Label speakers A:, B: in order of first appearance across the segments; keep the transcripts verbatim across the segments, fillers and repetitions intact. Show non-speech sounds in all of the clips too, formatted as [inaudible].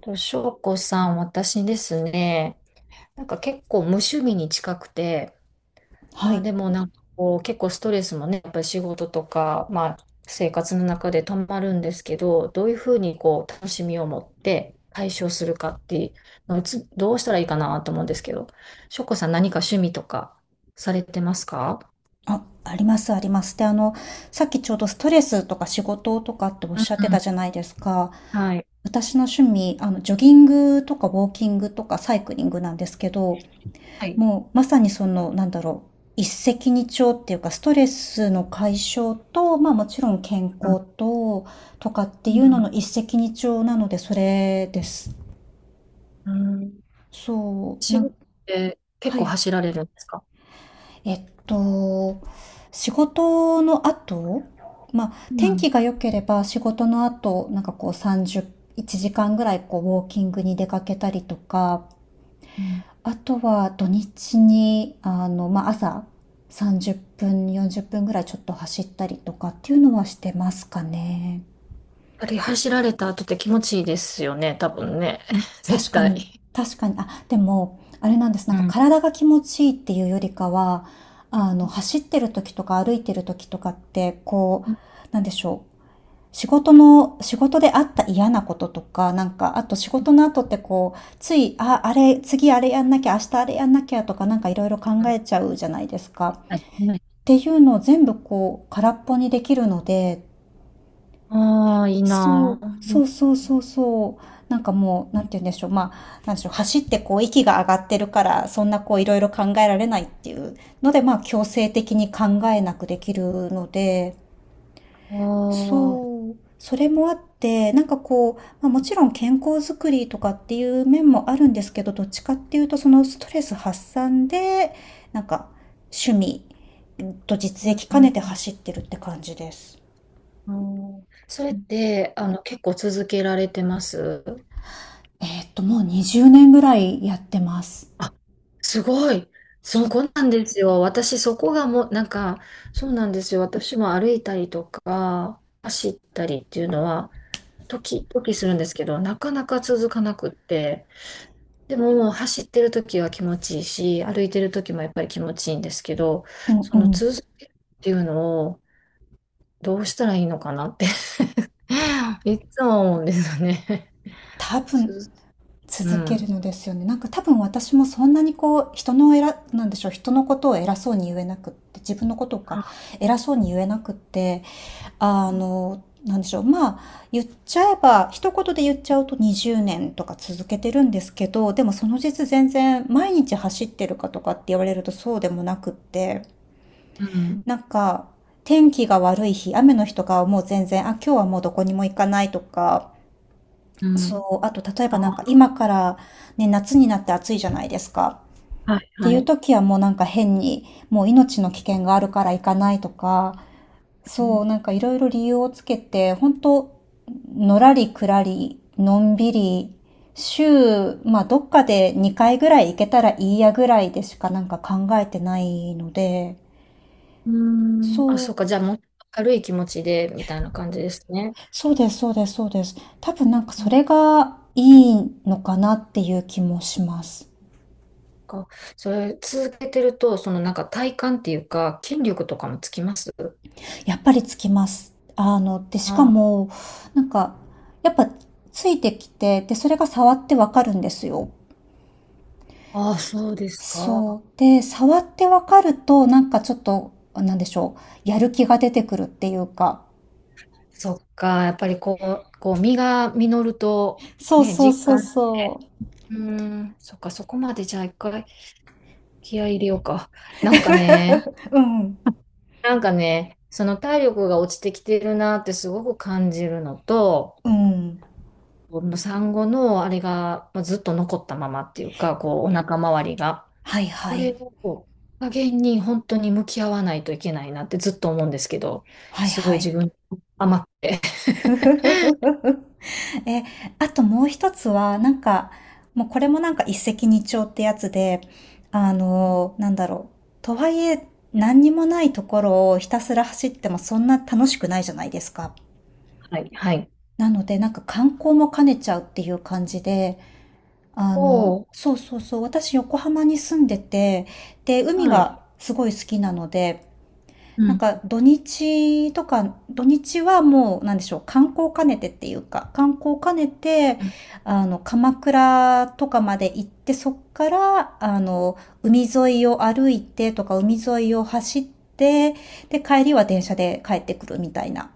A: と、翔子さん、私ですね、なんか結構無趣味に近くて、
B: は
A: まあ
B: い。
A: でもなんかこう結構ストレスもね、やっぱり仕事とか、まあ生活の中で溜まるんですけど、どういうふうにこう楽しみを持って解消するかっていうのをつどうしたらいいかなと思うんですけど、翔子さん何か趣味とかされてますか？
B: あ、ありますあります。で、あの、さっきちょうどストレスとか仕事とかっておっ
A: うん
B: しゃってた
A: う
B: じゃないですか。
A: ん、はい。
B: 私の趣味、あの、ジョギングとかウォーキングとかサイクリングなんですけど、
A: はい。
B: もうまさにその、なんだろう、一石二鳥っていうか、ストレスの解消と、まあもちろん健
A: うん
B: 康と、とかって
A: う
B: いうの
A: ん
B: の一石二鳥なので、それです。
A: うん。
B: そう、な
A: 仕事っ
B: ん
A: て結
B: は
A: 構
B: い。
A: 走られるんですか？
B: えっと、仕事の後、まあ、
A: う
B: 天
A: ん、
B: 気が良ければ仕事の後、なんかこうさんじゅう、いちじかんぐらいこうウォーキングに出かけたりとか、
A: うん。
B: あとは土日に、あの、まあ、朝さんじゅっぷん、よんじゅっぷんぐらいちょっと走ったりとかっていうのはしてますかね。
A: あれ走られた後って気持ちいいですよね、多分ね。[laughs] 絶
B: 確かに、
A: 対。
B: 確かに、あ、でも、あれなんです。なん
A: う
B: か
A: ん。
B: 体が気持ちいいっていうよりかは、あの、走ってる時とか歩いてる時とかって、こう、なんでしょう。仕事の、仕事であった嫌なこととか、なんか、あと仕事の後ってこう、つい、あ、あれ、次あれやんなきゃ、明日あれやんなきゃとか、なんかいろいろ考えちゃうじゃないですか。
A: はい。
B: っていうのを全部こう、空っぽにできるので、
A: ああー、いい
B: そう、
A: な。
B: そ
A: う、
B: うそうそうそう。なんかもう、なんて言うんでしょう。まあ、なんでしょう。走ってこう、息が上がってるから、そんなこう、いろいろ考えられないっていうので、まあ、強制的に考えなくできるので、
A: ああー、
B: そう、それもあって、なんかこう、まあ、もちろん健康づくりとかっていう面もあるんですけど、どっちかっていうと、そのストレス発散で、なんか趣味と実
A: うん
B: 益
A: う
B: 兼ねて
A: ん
B: 走ってるって感じです。
A: うんうん、それって、あの、結構続けられてます？
B: えーっと、もうにじゅうねんぐらいやってます。
A: あ、すごい。そ
B: そ
A: う、
B: う、
A: こんなんですよ。私、そこがもう、なんか、そうなんですよ。私も歩いたりとか、走ったりっていうのは、時々するんですけど、なかなか続かなくって、でももう走ってる時は気持ちいいし、歩いてる時もやっぱり気持ちいいんですけど、
B: うん
A: そ
B: う
A: の
B: ん。
A: 続けるっていうのをどうしたらいいのかなって [laughs] いつも思うんですよね。
B: 多
A: つ
B: 分、
A: づう
B: 続ける
A: ん。
B: のですよね。なんか多分私もそんなにこう人の偉なんでしょう人のことを偉そうに言えなくって自分のことか
A: あ、
B: 偉そうに言えなくってあのなんでしょうまあ言っちゃえば一言で言っちゃうとにじゅうねんとか続けてるんですけどでもその実全然毎日走ってるかとかって言われるとそうでもなくって
A: うん。
B: なんか天気が悪い日雨の日とかはもう全然あ今日はもうどこにも行かないとか
A: うん。
B: そう、あと例え
A: あ、
B: ばなんか今からね、夏になって暑いじゃないですか。
A: はい、
B: って
A: は
B: いう
A: い。
B: 時はもうなんか変に、もう命の危険があるから行かないとか、
A: う
B: そ
A: ん。
B: う、なんかいろいろ理由をつけて、本当のらりくらり、のんびり、週、まあどっかでにかいぐらい行けたらいいやぐらいでしかなんか考えてないので、
A: うーん、あ、
B: そう、
A: そうか。じゃあもう軽い気持ちでみたいな感じですね。
B: そうです、そうです、そうです。多分なんか
A: う
B: そ
A: ん
B: れがいいのかなっていう気もします。
A: か、それ続けてると、そのなんか体幹っていうか、筋力とかもつきます？
B: やっぱりつきます。あの、で、しか
A: あ
B: も、なんか、やっぱついてきて、で、それが触ってわかるんですよ。
A: あ、そうです
B: そ
A: か。
B: う。で、触ってわかると、なんかちょっと、なんでしょう、やる気が出てくるっていうか。
A: そっか、やっぱりこう、こう実が実ると、
B: そう
A: ね、
B: そう
A: 実
B: そう
A: 感し
B: そ
A: て、うーん、そっか、そこまでじゃあ一回気合い入れようか。[laughs] なんかね、
B: う。うん。
A: なんかね、その体力が落ちてきてるなってすごく感じるのと、
B: うん。
A: この産後のあれがまあずっと残ったままっていうか、こう、お腹周りが、
B: はい
A: こ
B: は
A: れ
B: い。
A: を加減に本当に向き合わないといけないなってずっと思うんですけど、
B: はい
A: すごい
B: はい。
A: 自分甘くて。
B: [laughs] え、あともう一つは、なんか、もうこれもなんか一石二鳥ってやつで、あの、
A: [laughs]
B: なんだろう。とはいえ、何にもないところをひたすら走ってもそんな楽しくないじゃないですか。
A: はい、はい。
B: なので、なんか観光も兼ねちゃうっていう感じで、あ
A: お
B: の、
A: お、
B: そうそうそう、私横浜に住んでて、で、海
A: はい。
B: がすごい好きなので、
A: う
B: なん
A: ん。
B: か土日とか、土日はもう、なんでしょう、観光兼ねてっていうか、観光兼ねて、
A: うん、
B: あの、鎌倉とかまで行って、そっから、あの、海沿いを歩いてとか、海沿いを走って、で、帰りは電車で帰ってくるみたいな。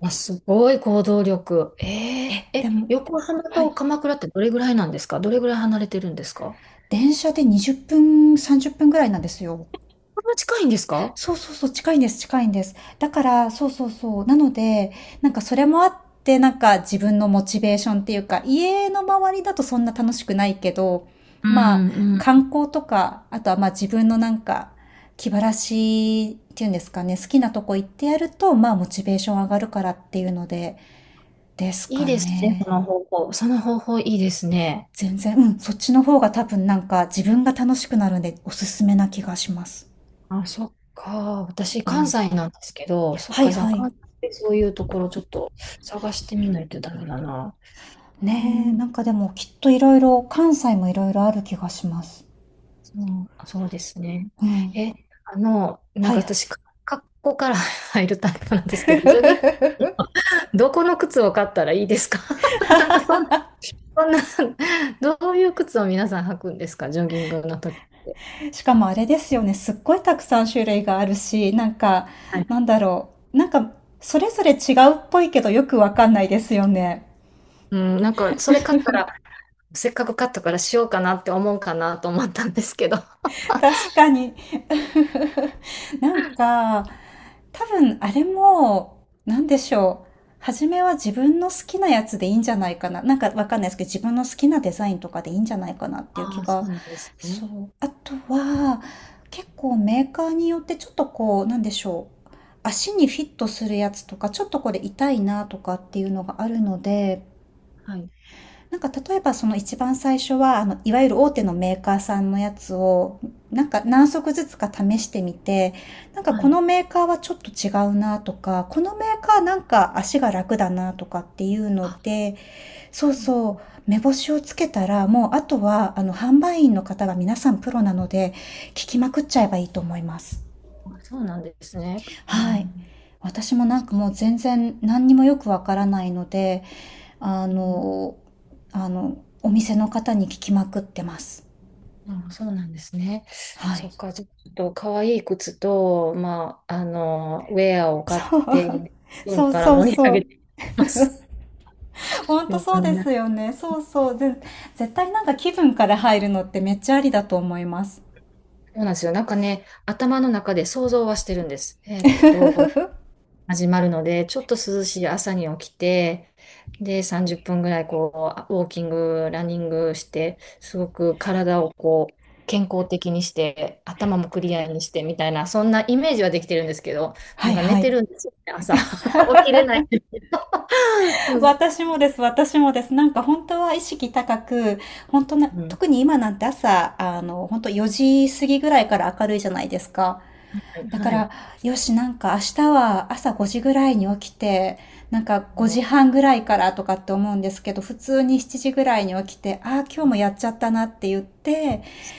A: あ、すごい行動力。え、え
B: え、
A: え、
B: でも、
A: 横浜
B: は
A: と
B: い。
A: 鎌倉ってどれぐらいなんですか？どれぐらい離れてるんですか？
B: 電車でにじゅっぷん、さんじゅっぷんぐらいなんですよ。
A: こんな近いんですか？
B: そうそうそう、近いんです、近いんです。だから、そうそうそう。なので、なんかそれもあって、なんか自分のモチベーションっていうか、家の周りだとそんな楽しくないけど、
A: う
B: まあ、
A: んうん。
B: 観光とか、あとはまあ自分のなんか、気晴らしっていうんですかね、好きなとこ行ってやると、まあモチベーション上がるからっていうので、です
A: いい
B: か
A: ですね、そ
B: ね。
A: の方法。その方法いいですね。
B: 全然、うん、そっちの方が多分なんか自分が楽しくなるんでおすすめな気がします。
A: あ、そっか。私、
B: う
A: 関
B: ん。
A: 西なんですけど、そっ
B: はい
A: か、じゃあ
B: はい。
A: 関西でそういうところちょっと探してみないとダメだな。う
B: ねえ、
A: ん、
B: なんかでもきっといろいろ、関西もいろいろある気がします。
A: そう、あ、そうですね。
B: うん。
A: え、あの、なん
B: はい
A: か
B: は
A: 私、か格好から [laughs] 入るタイプなんですけど、ジョギンどこの靴を買ったらいいですか？ [laughs] なんかそんな、そんな、どういう靴を皆さん履くんですか、ジョギングの時って。
B: い。しかもあれですよね、すっごいたくさん種類があるし、なんか、
A: はい。
B: なんだろう、なんか、それぞれ違うっぽいけどよくわかんないですよね。
A: うん、なんか、それ買ったら、せっかく買ったからしようかなって思うかなと思ったんですけど。[laughs] あ
B: [laughs] 確かに。[laughs] なんか、多分あれも、なんでしょう。初めは自分の好きなやつでいいんじゃないかな。なんかわかんないですけど、自分の好きなデザインとかでいいんじゃないかなっていう気
A: あ、
B: が。
A: そうなんですね。
B: そう。あとは、結構メーカーによってちょっとこう、なんでしょう。足にフィットするやつとか、ちょっとこれ痛いなとかっていうのがあるので、
A: はい。
B: なんか例えばその一番最初は、あの、いわゆる大手のメーカーさんのやつを、なんか何足ずつか試してみて、なんか
A: は
B: こ
A: い。
B: のメーカーはちょっと違うなとか、このメーカーなんか足が楽だなとかっていうの
A: あ、
B: で、そう
A: うんうん、
B: そう、目星をつけたら、もうあとは、あの、販売員の方が皆さんプロなので、聞きまくっちゃえばいいと思います。
A: あ、そうなんですね。う
B: はい。
A: ん。
B: 私もなんかもう全然何にもよくわからないので、あ
A: うん、
B: のあの、お店の方に聞きまくってます。
A: うん、そうなんですね。
B: は
A: そ
B: い。
A: っか、じゃあちょっと可愛い靴と、まあ、あの、ウェアを
B: [laughs]
A: 買っ
B: そう。
A: て、うん
B: そう
A: から
B: そう
A: 盛り上
B: そ
A: げ
B: う。
A: てます。
B: ほん
A: う
B: とそうで
A: ん、
B: すよね。そうそう。ぜ絶対なんか気分から入るのってめっちゃありだと思います。
A: そうなんですよ。なんかね、頭の中で想像はしてるんです。えーっと、始まるので、ちょっと涼しい朝に起きて、で、さんじゅっぷんぐらいこう、ウォーキング、ランニングして、すごく体をこう、健康的にして、頭もクリアにしてみたいな、そんなイメージはできてるんですけど、
B: は
A: なん
B: い
A: か寝
B: は
A: て
B: い。
A: るんですよね、朝。[laughs] 起きれない。うん。
B: 私もです、私もです。なんか本当は意識高く、本当な、
A: うん、
B: 特に今なんて朝、あの、本当よじ過ぎぐらいから明るいじゃないですか。
A: はい。
B: だか
A: はい。
B: ら、よし、なんか明日は朝ごじぐらいに起きて、なんか
A: そ
B: ごじはんぐらいからとかって思うんですけど、普通にしちじぐらいに起きて、ああ、今日
A: う
B: も
A: で
B: やっちゃったなって言って、
A: す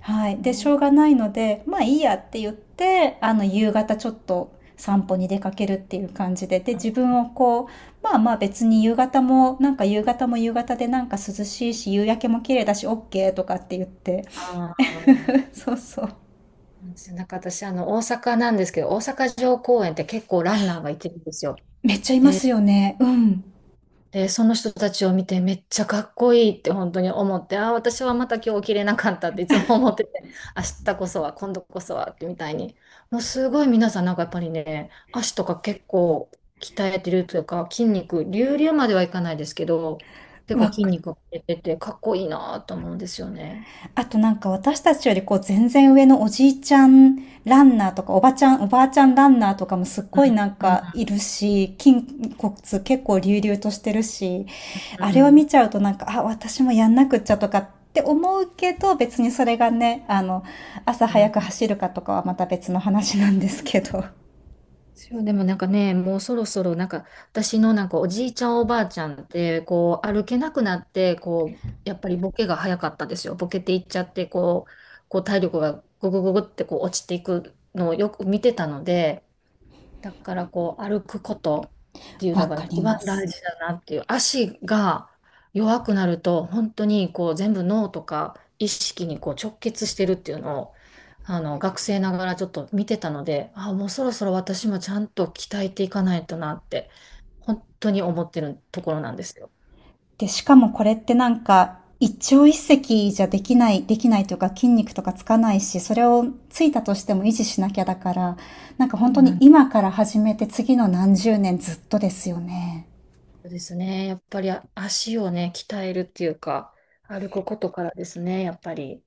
B: はい。で、し
A: ね。
B: ょうがないので、まあいいやって言って、あの、夕方ちょっと散歩に出かけるっていう感じで、で、自分をこう、まあまあ別に夕方も、なんか夕方も夕方でなんか涼しいし、夕焼けも綺麗だし、OK とかって言って。
A: ああ。
B: [laughs] そうそう。
A: なんですよ、なんか私、あの、大阪なんですけど、大阪城公園って結構ランナーがいてるんですよ。
B: めっちゃいま
A: で、
B: すよね。うん。
A: で、その人たちを見てめっちゃかっこいいって本当に思って、ああ、私はまた今日起きれなかったっていつも思ってて、[laughs] 明日こそは、今度こそはってみたいに。もうすごい皆さんなんかやっぱりね、足とか結構鍛えてるというか、筋肉、隆々まではいかないですけど、結構
B: わ
A: 筋
B: かる。
A: 肉が出てて、かっこいいなと思うんですよね。
B: あとなんか私たちよりこう全然上のおじいちゃんランナーとかおばちゃん、おばあちゃんランナーとかもすっごいなん
A: うん、
B: かいるし、筋骨結構隆々としてるし、
A: う
B: あ
A: ん、
B: れを
A: う
B: 見
A: ん。
B: ちゃうとなんか、あ、私もやんなくっちゃとかって思うけど、別にそれがね、あの、朝
A: う
B: 早く
A: ん、
B: 走るかとかはまた別の話なんですけど。
A: そう、でもなんかね、もうそろそろなんか私のなんかおじいちゃんおばあちゃんってこう歩けなくなってこうやっぱりボケが早かったですよ。ボケていっちゃってこう、こう体力がググググってこう落ちていくのをよく見てたので、だからこう歩くことって
B: [laughs]
A: いうの
B: わ
A: が
B: かり
A: 一番
B: ま
A: 大
B: す。
A: 事だなっていう、足が弱くなると本当にこう全部脳とか意識にこう直結してるっていうのをあの学生ながらちょっと見てたので、あ、もうそろそろ私もちゃんと鍛えていかないとなって本当に思ってるところなんですよ。
B: で、しかもこれってなんか、一朝一夕じゃできない、できないというか筋肉とかつかないし、それをついたとしても維持しなきゃだから、なんか
A: そう
B: 本当
A: な
B: に
A: ん
B: 今から始めて次の何十年ずっとですよね。
A: ですね。やっぱり足をね鍛えるっていうか歩くことからですね、やっぱり。